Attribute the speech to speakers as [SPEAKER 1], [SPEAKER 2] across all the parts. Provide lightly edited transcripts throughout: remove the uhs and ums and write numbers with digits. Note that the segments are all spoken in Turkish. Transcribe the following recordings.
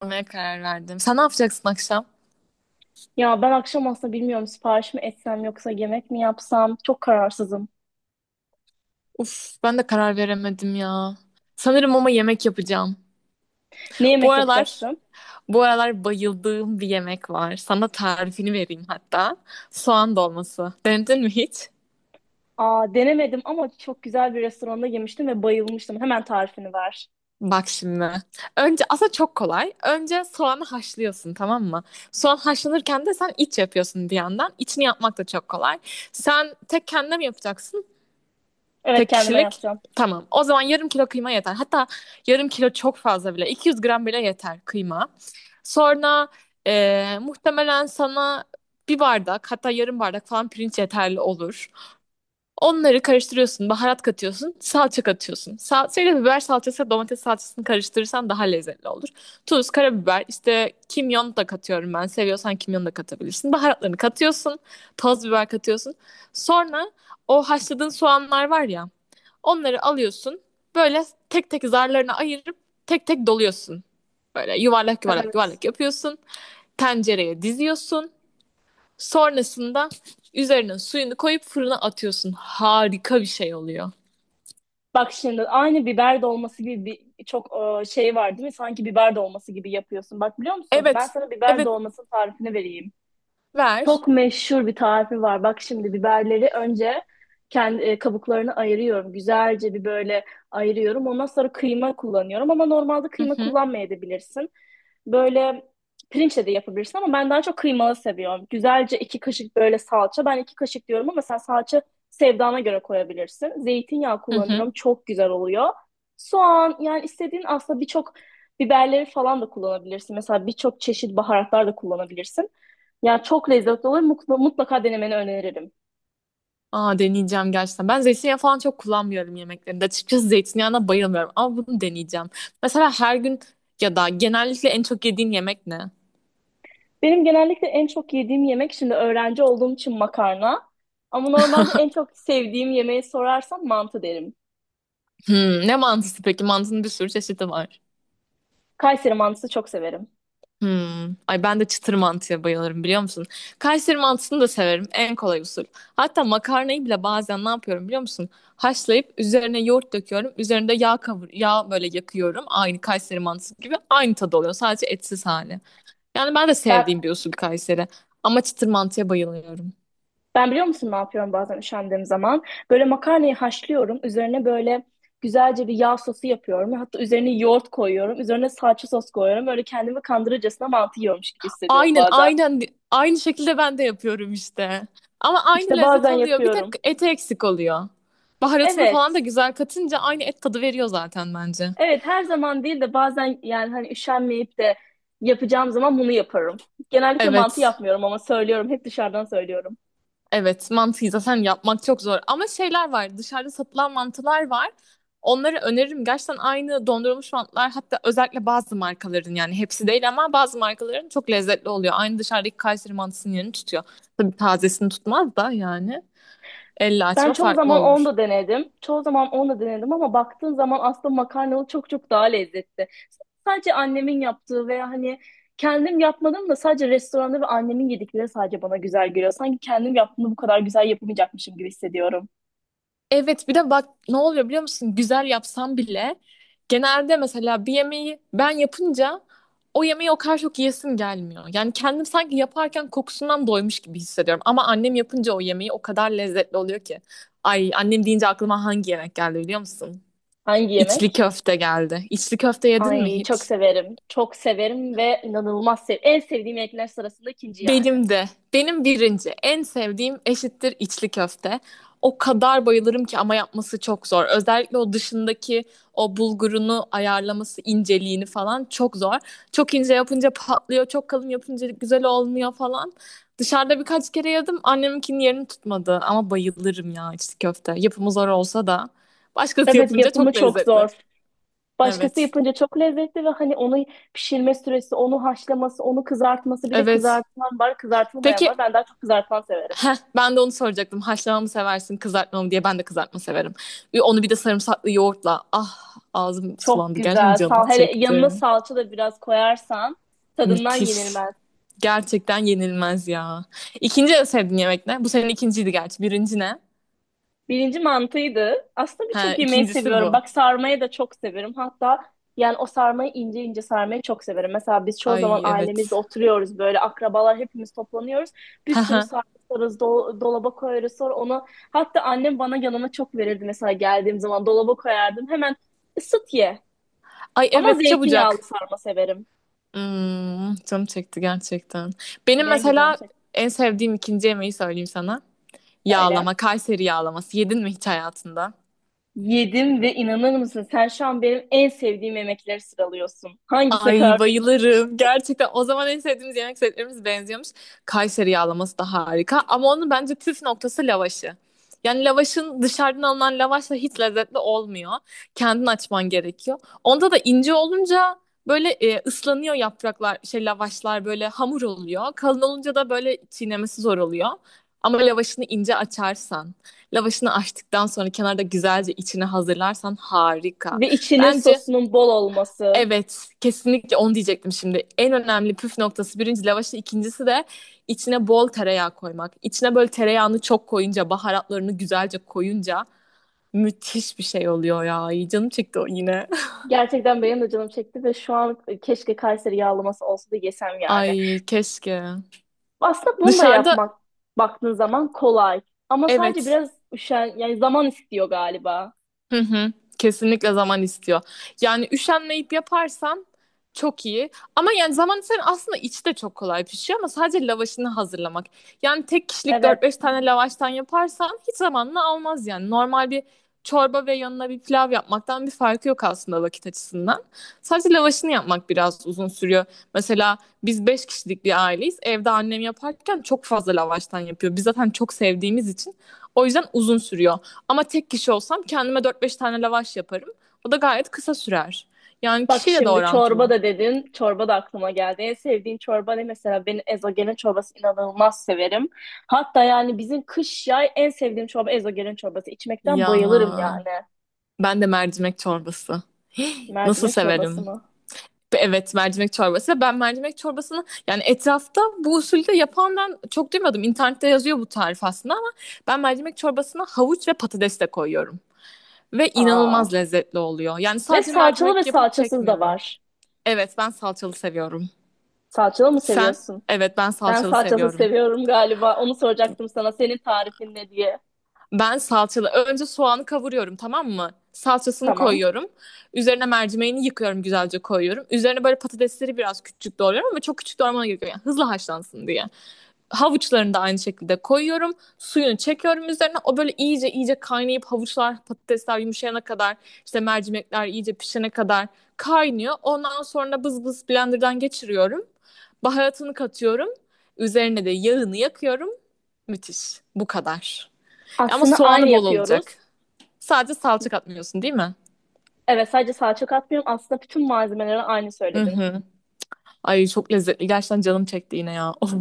[SPEAKER 1] Almaya karar verdim. Sen ne yapacaksın akşam?
[SPEAKER 2] Ya ben akşam aslında bilmiyorum sipariş mi etsem yoksa yemek mi yapsam çok kararsızım.
[SPEAKER 1] Uf, ben de karar veremedim ya. Sanırım ama yemek yapacağım.
[SPEAKER 2] Ne
[SPEAKER 1] Bu
[SPEAKER 2] yemek
[SPEAKER 1] aralar,
[SPEAKER 2] yapacaksın?
[SPEAKER 1] bu aralar bayıldığım bir yemek var. Sana tarifini vereyim hatta. Soğan dolması. Denedin mi hiç?
[SPEAKER 2] Aa denemedim ama çok güzel bir restoranda yemiştim ve bayılmıştım. Hemen tarifini ver.
[SPEAKER 1] Bak şimdi. Önce aslında çok kolay. Önce soğanı haşlıyorsun, tamam mı? Soğan haşlanırken de sen iç yapıyorsun bir yandan. İçini yapmak da çok kolay. Sen tek kendine mi yapacaksın?
[SPEAKER 2] Evet
[SPEAKER 1] Tek
[SPEAKER 2] kendime
[SPEAKER 1] kişilik.
[SPEAKER 2] yapacağım.
[SPEAKER 1] Tamam. O zaman yarım kilo kıyma yeter. Hatta yarım kilo çok fazla bile. 200 gram bile yeter kıyma. Sonra muhtemelen sana bir bardak, hatta yarım bardak falan pirinç yeterli olur. Onları karıştırıyorsun, baharat katıyorsun, salça katıyorsun. Salçayla biber salçası, domates salçasını karıştırırsan daha lezzetli olur. Tuz, karabiber, işte kimyon da katıyorum ben. Seviyorsan kimyon da katabilirsin. Baharatlarını katıyorsun, toz biber katıyorsun. Sonra o haşladığın soğanlar var ya, onları alıyorsun. Böyle tek tek zarlarına ayırıp tek tek doluyorsun. Böyle yuvarlak yuvarlak
[SPEAKER 2] Evet.
[SPEAKER 1] yuvarlak yapıyorsun. Tencereye diziyorsun. Sonrasında üzerine suyunu koyup fırına atıyorsun. Harika bir şey oluyor.
[SPEAKER 2] Bak şimdi aynı biber dolması gibi bir çok şey var değil mi? Sanki biber dolması gibi yapıyorsun. Bak biliyor musun? Ben
[SPEAKER 1] Evet.
[SPEAKER 2] sana biber
[SPEAKER 1] Evet.
[SPEAKER 2] dolmasının tarifini vereyim.
[SPEAKER 1] Ver.
[SPEAKER 2] Çok meşhur bir tarifi var. Bak şimdi biberleri önce kendi kabuklarını ayırıyorum. Güzelce bir böyle ayırıyorum. Ondan sonra kıyma kullanıyorum ama normalde
[SPEAKER 1] Hı
[SPEAKER 2] kıyma
[SPEAKER 1] hı.
[SPEAKER 2] kullanmayabilirsin. Böyle pirinçle de yapabilirsin ama ben daha çok kıymalı seviyorum. Güzelce iki kaşık böyle salça. Ben iki kaşık diyorum ama sen salça sevdana göre koyabilirsin. Zeytinyağı
[SPEAKER 1] Hı hı.
[SPEAKER 2] kullanırım. Çok güzel oluyor. Soğan yani istediğin aslında birçok biberleri falan da kullanabilirsin. Mesela birçok çeşit baharatlar da kullanabilirsin. Ya çok lezzetli olur. Mutlaka denemeni öneririm.
[SPEAKER 1] Aa, deneyeceğim gerçekten. Ben zeytinyağı falan çok kullanmıyorum yemeklerinde. Açıkçası zeytinyağına bayılmıyorum ama bunu deneyeceğim. Mesela her gün ya da genellikle en çok yediğin yemek ne?
[SPEAKER 2] Benim genellikle en çok yediğim yemek şimdi öğrenci olduğum için makarna. Ama normalde en çok sevdiğim yemeği sorarsan mantı derim.
[SPEAKER 1] Hmm, ne mantısı peki? Mantının bir sürü çeşidi var.
[SPEAKER 2] Kayseri mantısı çok severim.
[SPEAKER 1] Hmm. Ay, ben de çıtır mantıya bayılırım, biliyor musun? Kayseri mantısını da severim. En kolay usul. Hatta makarnayı bile bazen ne yapıyorum biliyor musun? Haşlayıp üzerine yoğurt döküyorum. Üzerinde yağ kavur yağ böyle yakıyorum. Aynı Kayseri mantısı gibi aynı tadı oluyor. Sadece etsiz hali. Yani ben de
[SPEAKER 2] Ben
[SPEAKER 1] sevdiğim bir usul Kayseri. Ama çıtır mantıya bayılıyorum.
[SPEAKER 2] ben biliyor musun ne yapıyorum bazen üşendiğim zaman? Böyle makarnayı haşlıyorum. Üzerine böyle güzelce bir yağ sosu yapıyorum. Hatta üzerine yoğurt koyuyorum. Üzerine salça sos koyuyorum. Böyle kendimi kandırırcasına mantı yiyormuş gibi hissediyorum
[SPEAKER 1] Aynen,
[SPEAKER 2] bazen.
[SPEAKER 1] aynen, aynı şekilde ben de yapıyorum işte. Ama aynı
[SPEAKER 2] İşte
[SPEAKER 1] lezzet
[SPEAKER 2] bazen
[SPEAKER 1] oluyor. Bir tek
[SPEAKER 2] yapıyorum.
[SPEAKER 1] eti eksik oluyor. Baharatını falan da
[SPEAKER 2] Evet.
[SPEAKER 1] güzel katınca aynı et tadı veriyor zaten bence.
[SPEAKER 2] Evet her zaman değil de bazen yani hani üşenmeyip de yapacağım zaman bunu yaparım. Genellikle mantı
[SPEAKER 1] Evet,
[SPEAKER 2] yapmıyorum ama söylüyorum. Hep dışarıdan söylüyorum.
[SPEAKER 1] evet. Mantıyı zaten yapmak çok zor. Ama şeyler var, dışarıda satılan mantılar var. Onları öneririm. Gerçekten aynı dondurulmuş mantılar, hatta özellikle bazı markaların, yani hepsi değil ama bazı markaların çok lezzetli oluyor. Aynı dışarıdaki Kayseri mantısının yerini tutuyor. Tabii tazesini tutmaz da yani. Elle
[SPEAKER 2] Ben
[SPEAKER 1] açma
[SPEAKER 2] çoğu
[SPEAKER 1] farklı
[SPEAKER 2] zaman onu
[SPEAKER 1] olur.
[SPEAKER 2] da denedim. Çoğu zaman onu da denedim ama baktığın zaman aslında makarnalı çok çok daha lezzetli. Sadece annemin yaptığı veya hani kendim yapmadım da sadece restoranda ve annemin yedikleri sadece bana güzel geliyor. Sanki kendim yaptığımda bu kadar güzel yapamayacakmışım gibi hissediyorum.
[SPEAKER 1] Evet, bir de bak ne oluyor biliyor musun? Güzel yapsam bile genelde mesela bir yemeği ben yapınca o yemeği o kadar çok yiyesim gelmiyor. Yani kendim sanki yaparken kokusundan doymuş gibi hissediyorum. Ama annem yapınca o yemeği o kadar lezzetli oluyor ki. Ay, annem deyince aklıma hangi yemek geldi biliyor musun?
[SPEAKER 2] Hangi
[SPEAKER 1] İçli
[SPEAKER 2] yemek?
[SPEAKER 1] köfte geldi. İçli köfte yedin mi
[SPEAKER 2] Ay çok
[SPEAKER 1] hiç?
[SPEAKER 2] severim. Çok severim ve inanılmaz sev. En sevdiğim yemekler sırasında ikinci yani.
[SPEAKER 1] Benim de. Benim birinci. En sevdiğim eşittir içli köfte. O kadar bayılırım ki ama yapması çok zor. Özellikle o dışındaki o bulgurunu ayarlaması, inceliğini falan çok zor. Çok ince yapınca patlıyor, çok kalın yapınca güzel olmuyor falan. Dışarıda birkaç kere yedim. Anneminkinin yerini tutmadı ama bayılırım ya içli köfte. Yapımı zor olsa da başkası
[SPEAKER 2] Evet
[SPEAKER 1] yapınca
[SPEAKER 2] yapımı
[SPEAKER 1] çok
[SPEAKER 2] çok zor.
[SPEAKER 1] lezzetli.
[SPEAKER 2] Başkası
[SPEAKER 1] Evet.
[SPEAKER 2] yapınca çok lezzetli ve hani onu pişirme süresi, onu haşlaması, onu kızartması bir de
[SPEAKER 1] Evet.
[SPEAKER 2] kızartılan var, kızartılmayan var.
[SPEAKER 1] Peki,
[SPEAKER 2] Ben daha çok kızartılan severim.
[SPEAKER 1] heh, ben de onu soracaktım. Haşlama mı seversin, kızartma mı diye. Ben de kızartma severim. Ve onu bir de sarımsaklı yoğurtla. Ah, ağzım
[SPEAKER 2] Çok
[SPEAKER 1] sulandı. Gerçekten
[SPEAKER 2] güzel.
[SPEAKER 1] canım
[SPEAKER 2] Sal hele yanına
[SPEAKER 1] çekti.
[SPEAKER 2] salça da biraz koyarsan tadından
[SPEAKER 1] Müthiş.
[SPEAKER 2] yenilmez.
[SPEAKER 1] Gerçekten yenilmez ya. İkinci en sevdiğin yemek ne? Bu senin ikinciydi gerçi. Birinci ne?
[SPEAKER 2] Birinci mantıydı. Aslında
[SPEAKER 1] Ha,
[SPEAKER 2] birçok yemeği
[SPEAKER 1] ikincisi
[SPEAKER 2] seviyorum.
[SPEAKER 1] bu.
[SPEAKER 2] Bak sarmayı da çok severim. Hatta yani o sarmayı ince ince sarmayı çok severim. Mesela biz çoğu zaman
[SPEAKER 1] Ay
[SPEAKER 2] ailemizle
[SPEAKER 1] evet.
[SPEAKER 2] oturuyoruz böyle akrabalar hepimiz toplanıyoruz. Bir sürü sarma sararız, dolaba koyarız sonra onu. Hatta annem bana yanına çok verirdi mesela geldiğim zaman dolaba koyardım. Hemen ısıt ye.
[SPEAKER 1] Ay
[SPEAKER 2] Ama
[SPEAKER 1] evet, çabucak.
[SPEAKER 2] zeytinyağlı sarma severim.
[SPEAKER 1] Hmm, canım çekti gerçekten. Benim
[SPEAKER 2] Benim de canım
[SPEAKER 1] mesela
[SPEAKER 2] çekti
[SPEAKER 1] en sevdiğim ikinci yemeği söyleyeyim sana.
[SPEAKER 2] söyle.
[SPEAKER 1] Yağlama, Kayseri yağlaması. Yedin mi hiç hayatında?
[SPEAKER 2] Yedim ve inanır mısın sen şu an benim en sevdiğim yemekleri sıralıyorsun. Hangisine
[SPEAKER 1] Ay
[SPEAKER 2] karar vereceğim
[SPEAKER 1] bayılırım. Gerçekten o zaman en sevdiğimiz yemek setlerimiz benziyormuş. Kayseri yağlaması da harika. Ama onun bence püf noktası lavaşı. Yani lavaşın dışarıdan alınan lavaşla hiç lezzetli olmuyor. Kendin açman gerekiyor. Onda da ince olunca böyle ıslanıyor yapraklar, şey lavaşlar böyle hamur oluyor. Kalın olunca da böyle çiğnemesi zor oluyor. Ama lavaşını ince açarsan, lavaşını açtıktan sonra kenarda güzelce içine hazırlarsan harika.
[SPEAKER 2] ve içinin
[SPEAKER 1] Bence
[SPEAKER 2] sosunun bol olması.
[SPEAKER 1] evet, kesinlikle onu diyecektim şimdi. En önemli püf noktası birinci lavaşın, ikincisi de içine bol tereyağı koymak. İçine böyle tereyağını çok koyunca, baharatlarını güzelce koyunca müthiş bir şey oluyor ya. Ay, canım çekti o yine.
[SPEAKER 2] Gerçekten benim de canım çekti ve şu an keşke Kayseri yağlaması olsa da yesem yani.
[SPEAKER 1] Ay keşke.
[SPEAKER 2] Aslında bunu da
[SPEAKER 1] Dışarıda
[SPEAKER 2] yapmak baktığın zaman kolay. Ama sadece
[SPEAKER 1] evet.
[SPEAKER 2] biraz üşen, yani zaman istiyor galiba.
[SPEAKER 1] Hı hı. Kesinlikle zaman istiyor. Yani üşenmeyip yaparsan çok iyi. Ama yani zaman senin aslında içi de çok kolay pişiyor ama sadece lavaşını hazırlamak. Yani tek kişilik dört
[SPEAKER 2] Evet.
[SPEAKER 1] beş tane lavaştan yaparsan hiç zamanını almaz yani. Normal bir çorba ve yanına bir pilav yapmaktan bir farkı yok aslında vakit açısından. Sadece lavaşını yapmak biraz uzun sürüyor. Mesela biz 5 kişilik bir aileyiz. Evde annem yaparken çok fazla lavaştan yapıyor. Biz zaten çok sevdiğimiz için. O yüzden uzun sürüyor. Ama tek kişi olsam kendime dört beş tane lavaş yaparım. O da gayet kısa sürer. Yani
[SPEAKER 2] Bak
[SPEAKER 1] kişiyle de
[SPEAKER 2] şimdi çorba
[SPEAKER 1] orantılı.
[SPEAKER 2] da dedin. Çorba da aklıma geldi. En sevdiğin çorba ne mesela? Ben ezogelin çorbası inanılmaz severim. Hatta yani bizim kış yay en sevdiğim çorba ezogelin çorbası. İçmekten
[SPEAKER 1] Ya
[SPEAKER 2] bayılırım yani.
[SPEAKER 1] ben de mercimek çorbası. Nasıl
[SPEAKER 2] Mercimek çorbası
[SPEAKER 1] severim?
[SPEAKER 2] mı?
[SPEAKER 1] Evet, mercimek çorbası. Ben mercimek çorbasını, yani etrafta bu usulde yapan ben çok duymadım. İnternette yazıyor bu tarif aslında ama ben mercimek çorbasına havuç ve patates de koyuyorum. Ve
[SPEAKER 2] Aa.
[SPEAKER 1] inanılmaz lezzetli oluyor. Yani
[SPEAKER 2] Ve
[SPEAKER 1] sadece
[SPEAKER 2] salçalı ve
[SPEAKER 1] mercimek yapıp
[SPEAKER 2] salçasız da
[SPEAKER 1] çekmiyorum.
[SPEAKER 2] var.
[SPEAKER 1] Evet, ben salçalı seviyorum.
[SPEAKER 2] Salçalı mı
[SPEAKER 1] Sen?
[SPEAKER 2] seviyorsun?
[SPEAKER 1] Evet, ben
[SPEAKER 2] Ben
[SPEAKER 1] salçalı
[SPEAKER 2] salçasız
[SPEAKER 1] seviyorum.
[SPEAKER 2] seviyorum galiba. Onu soracaktım sana. Senin tarifin ne diye.
[SPEAKER 1] Ben salçalı. Önce soğanı kavuruyorum, tamam mı? Salçasını
[SPEAKER 2] Tamam.
[SPEAKER 1] koyuyorum. Üzerine mercimeğini yıkıyorum, güzelce koyuyorum. Üzerine böyle patatesleri biraz küçük doğruyorum ama çok küçük doğramana gerek yok. Yani hızlı haşlansın diye. Havuçlarını da aynı şekilde koyuyorum. Suyunu çekiyorum üzerine. O böyle iyice iyice kaynayıp havuçlar, patatesler yumuşayana kadar, işte mercimekler iyice pişene kadar kaynıyor. Ondan sonra bız bız blenderdan geçiriyorum. Baharatını katıyorum. Üzerine de yağını yakıyorum. Müthiş. Bu kadar. Ama
[SPEAKER 2] Aslında aynı
[SPEAKER 1] soğanı bol olacak.
[SPEAKER 2] yapıyoruz.
[SPEAKER 1] Sadece salça katmıyorsun değil mi?
[SPEAKER 2] Evet sadece salça katmıyorum. Aslında bütün malzemeleri aynı
[SPEAKER 1] Hı
[SPEAKER 2] söyledin.
[SPEAKER 1] hı. Ay çok lezzetli. Gerçekten canım çekti yine ya. Of,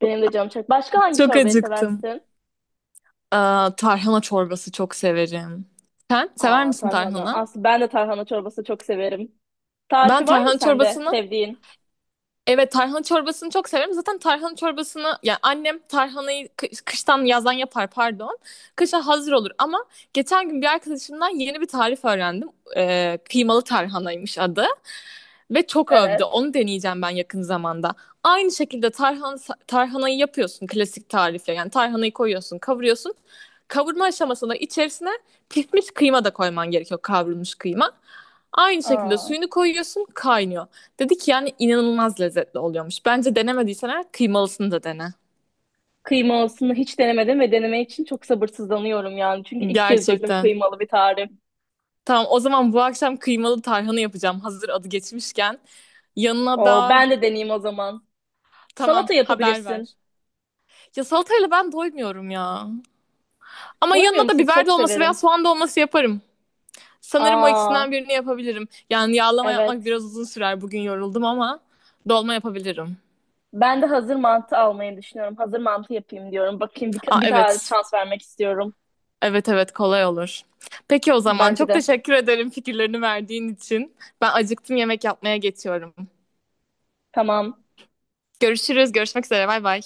[SPEAKER 2] Benim de canım çok. Başka hangi
[SPEAKER 1] çok
[SPEAKER 2] çorbayı
[SPEAKER 1] acıktım.
[SPEAKER 2] seversin?
[SPEAKER 1] Aa, tarhana çorbası çok severim. Sen sever
[SPEAKER 2] Aa
[SPEAKER 1] misin
[SPEAKER 2] tarhana.
[SPEAKER 1] tarhana?
[SPEAKER 2] Aslında ben de tarhana çorbası çok severim.
[SPEAKER 1] Ben
[SPEAKER 2] Tarifi var mı
[SPEAKER 1] tarhana
[SPEAKER 2] sende
[SPEAKER 1] çorbasını
[SPEAKER 2] sevdiğin?
[SPEAKER 1] evet, tarhana çorbasını çok severim. Zaten tarhana çorbasını, yani annem tarhanayı kıştan yazdan yapar, pardon. Kışa hazır olur ama geçen gün bir arkadaşımdan yeni bir tarif öğrendim. Kıymalı tarhanaymış adı. Ve çok övdü.
[SPEAKER 2] Evet.
[SPEAKER 1] Onu deneyeceğim ben yakın zamanda. Aynı şekilde tarhanayı yapıyorsun klasik tarifle. Yani tarhanayı koyuyorsun, kavuruyorsun. Kavurma aşamasında içerisine pişmiş kıyma da koyman gerekiyor. Kavrulmuş kıyma. Aynı şekilde
[SPEAKER 2] Aa.
[SPEAKER 1] suyunu koyuyorsun, kaynıyor. Dedi ki yani inanılmaz lezzetli oluyormuş. Bence denemediysen eğer kıymalısını da dene.
[SPEAKER 2] Kıymalısını hiç denemedim ve deneme için çok sabırsızlanıyorum yani. Çünkü ilk kez duydum
[SPEAKER 1] Gerçekten.
[SPEAKER 2] kıymalı bir tarif.
[SPEAKER 1] Tamam, o zaman bu akşam kıymalı tarhana yapacağım. Hazır adı geçmişken. Yanına
[SPEAKER 2] Oo,
[SPEAKER 1] da
[SPEAKER 2] ben de deneyeyim o zaman.
[SPEAKER 1] tamam,
[SPEAKER 2] Salata
[SPEAKER 1] haber
[SPEAKER 2] yapabilirsin.
[SPEAKER 1] ver. Ya salatayla ben doymuyorum ya. Ama
[SPEAKER 2] Koymuyor
[SPEAKER 1] yanına da
[SPEAKER 2] musun?
[SPEAKER 1] biber
[SPEAKER 2] Çok
[SPEAKER 1] dolması veya
[SPEAKER 2] severim.
[SPEAKER 1] soğan dolması yaparım. Sanırım o ikisinden
[SPEAKER 2] Aa,
[SPEAKER 1] birini yapabilirim. Yani yağlama yapmak
[SPEAKER 2] evet.
[SPEAKER 1] biraz uzun sürer. Bugün yoruldum ama dolma yapabilirim.
[SPEAKER 2] Ben de hazır mantı almayı düşünüyorum. Hazır mantı yapayım diyorum. Bakayım
[SPEAKER 1] Aa,
[SPEAKER 2] bir tane
[SPEAKER 1] evet.
[SPEAKER 2] şans vermek istiyorum.
[SPEAKER 1] Evet, evet, kolay olur. Peki o zaman
[SPEAKER 2] Bence
[SPEAKER 1] çok
[SPEAKER 2] de.
[SPEAKER 1] teşekkür ederim fikirlerini verdiğin için. Ben acıktım, yemek yapmaya geçiyorum.
[SPEAKER 2] Tamam.
[SPEAKER 1] Görüşürüz. Görüşmek üzere. Bay bay.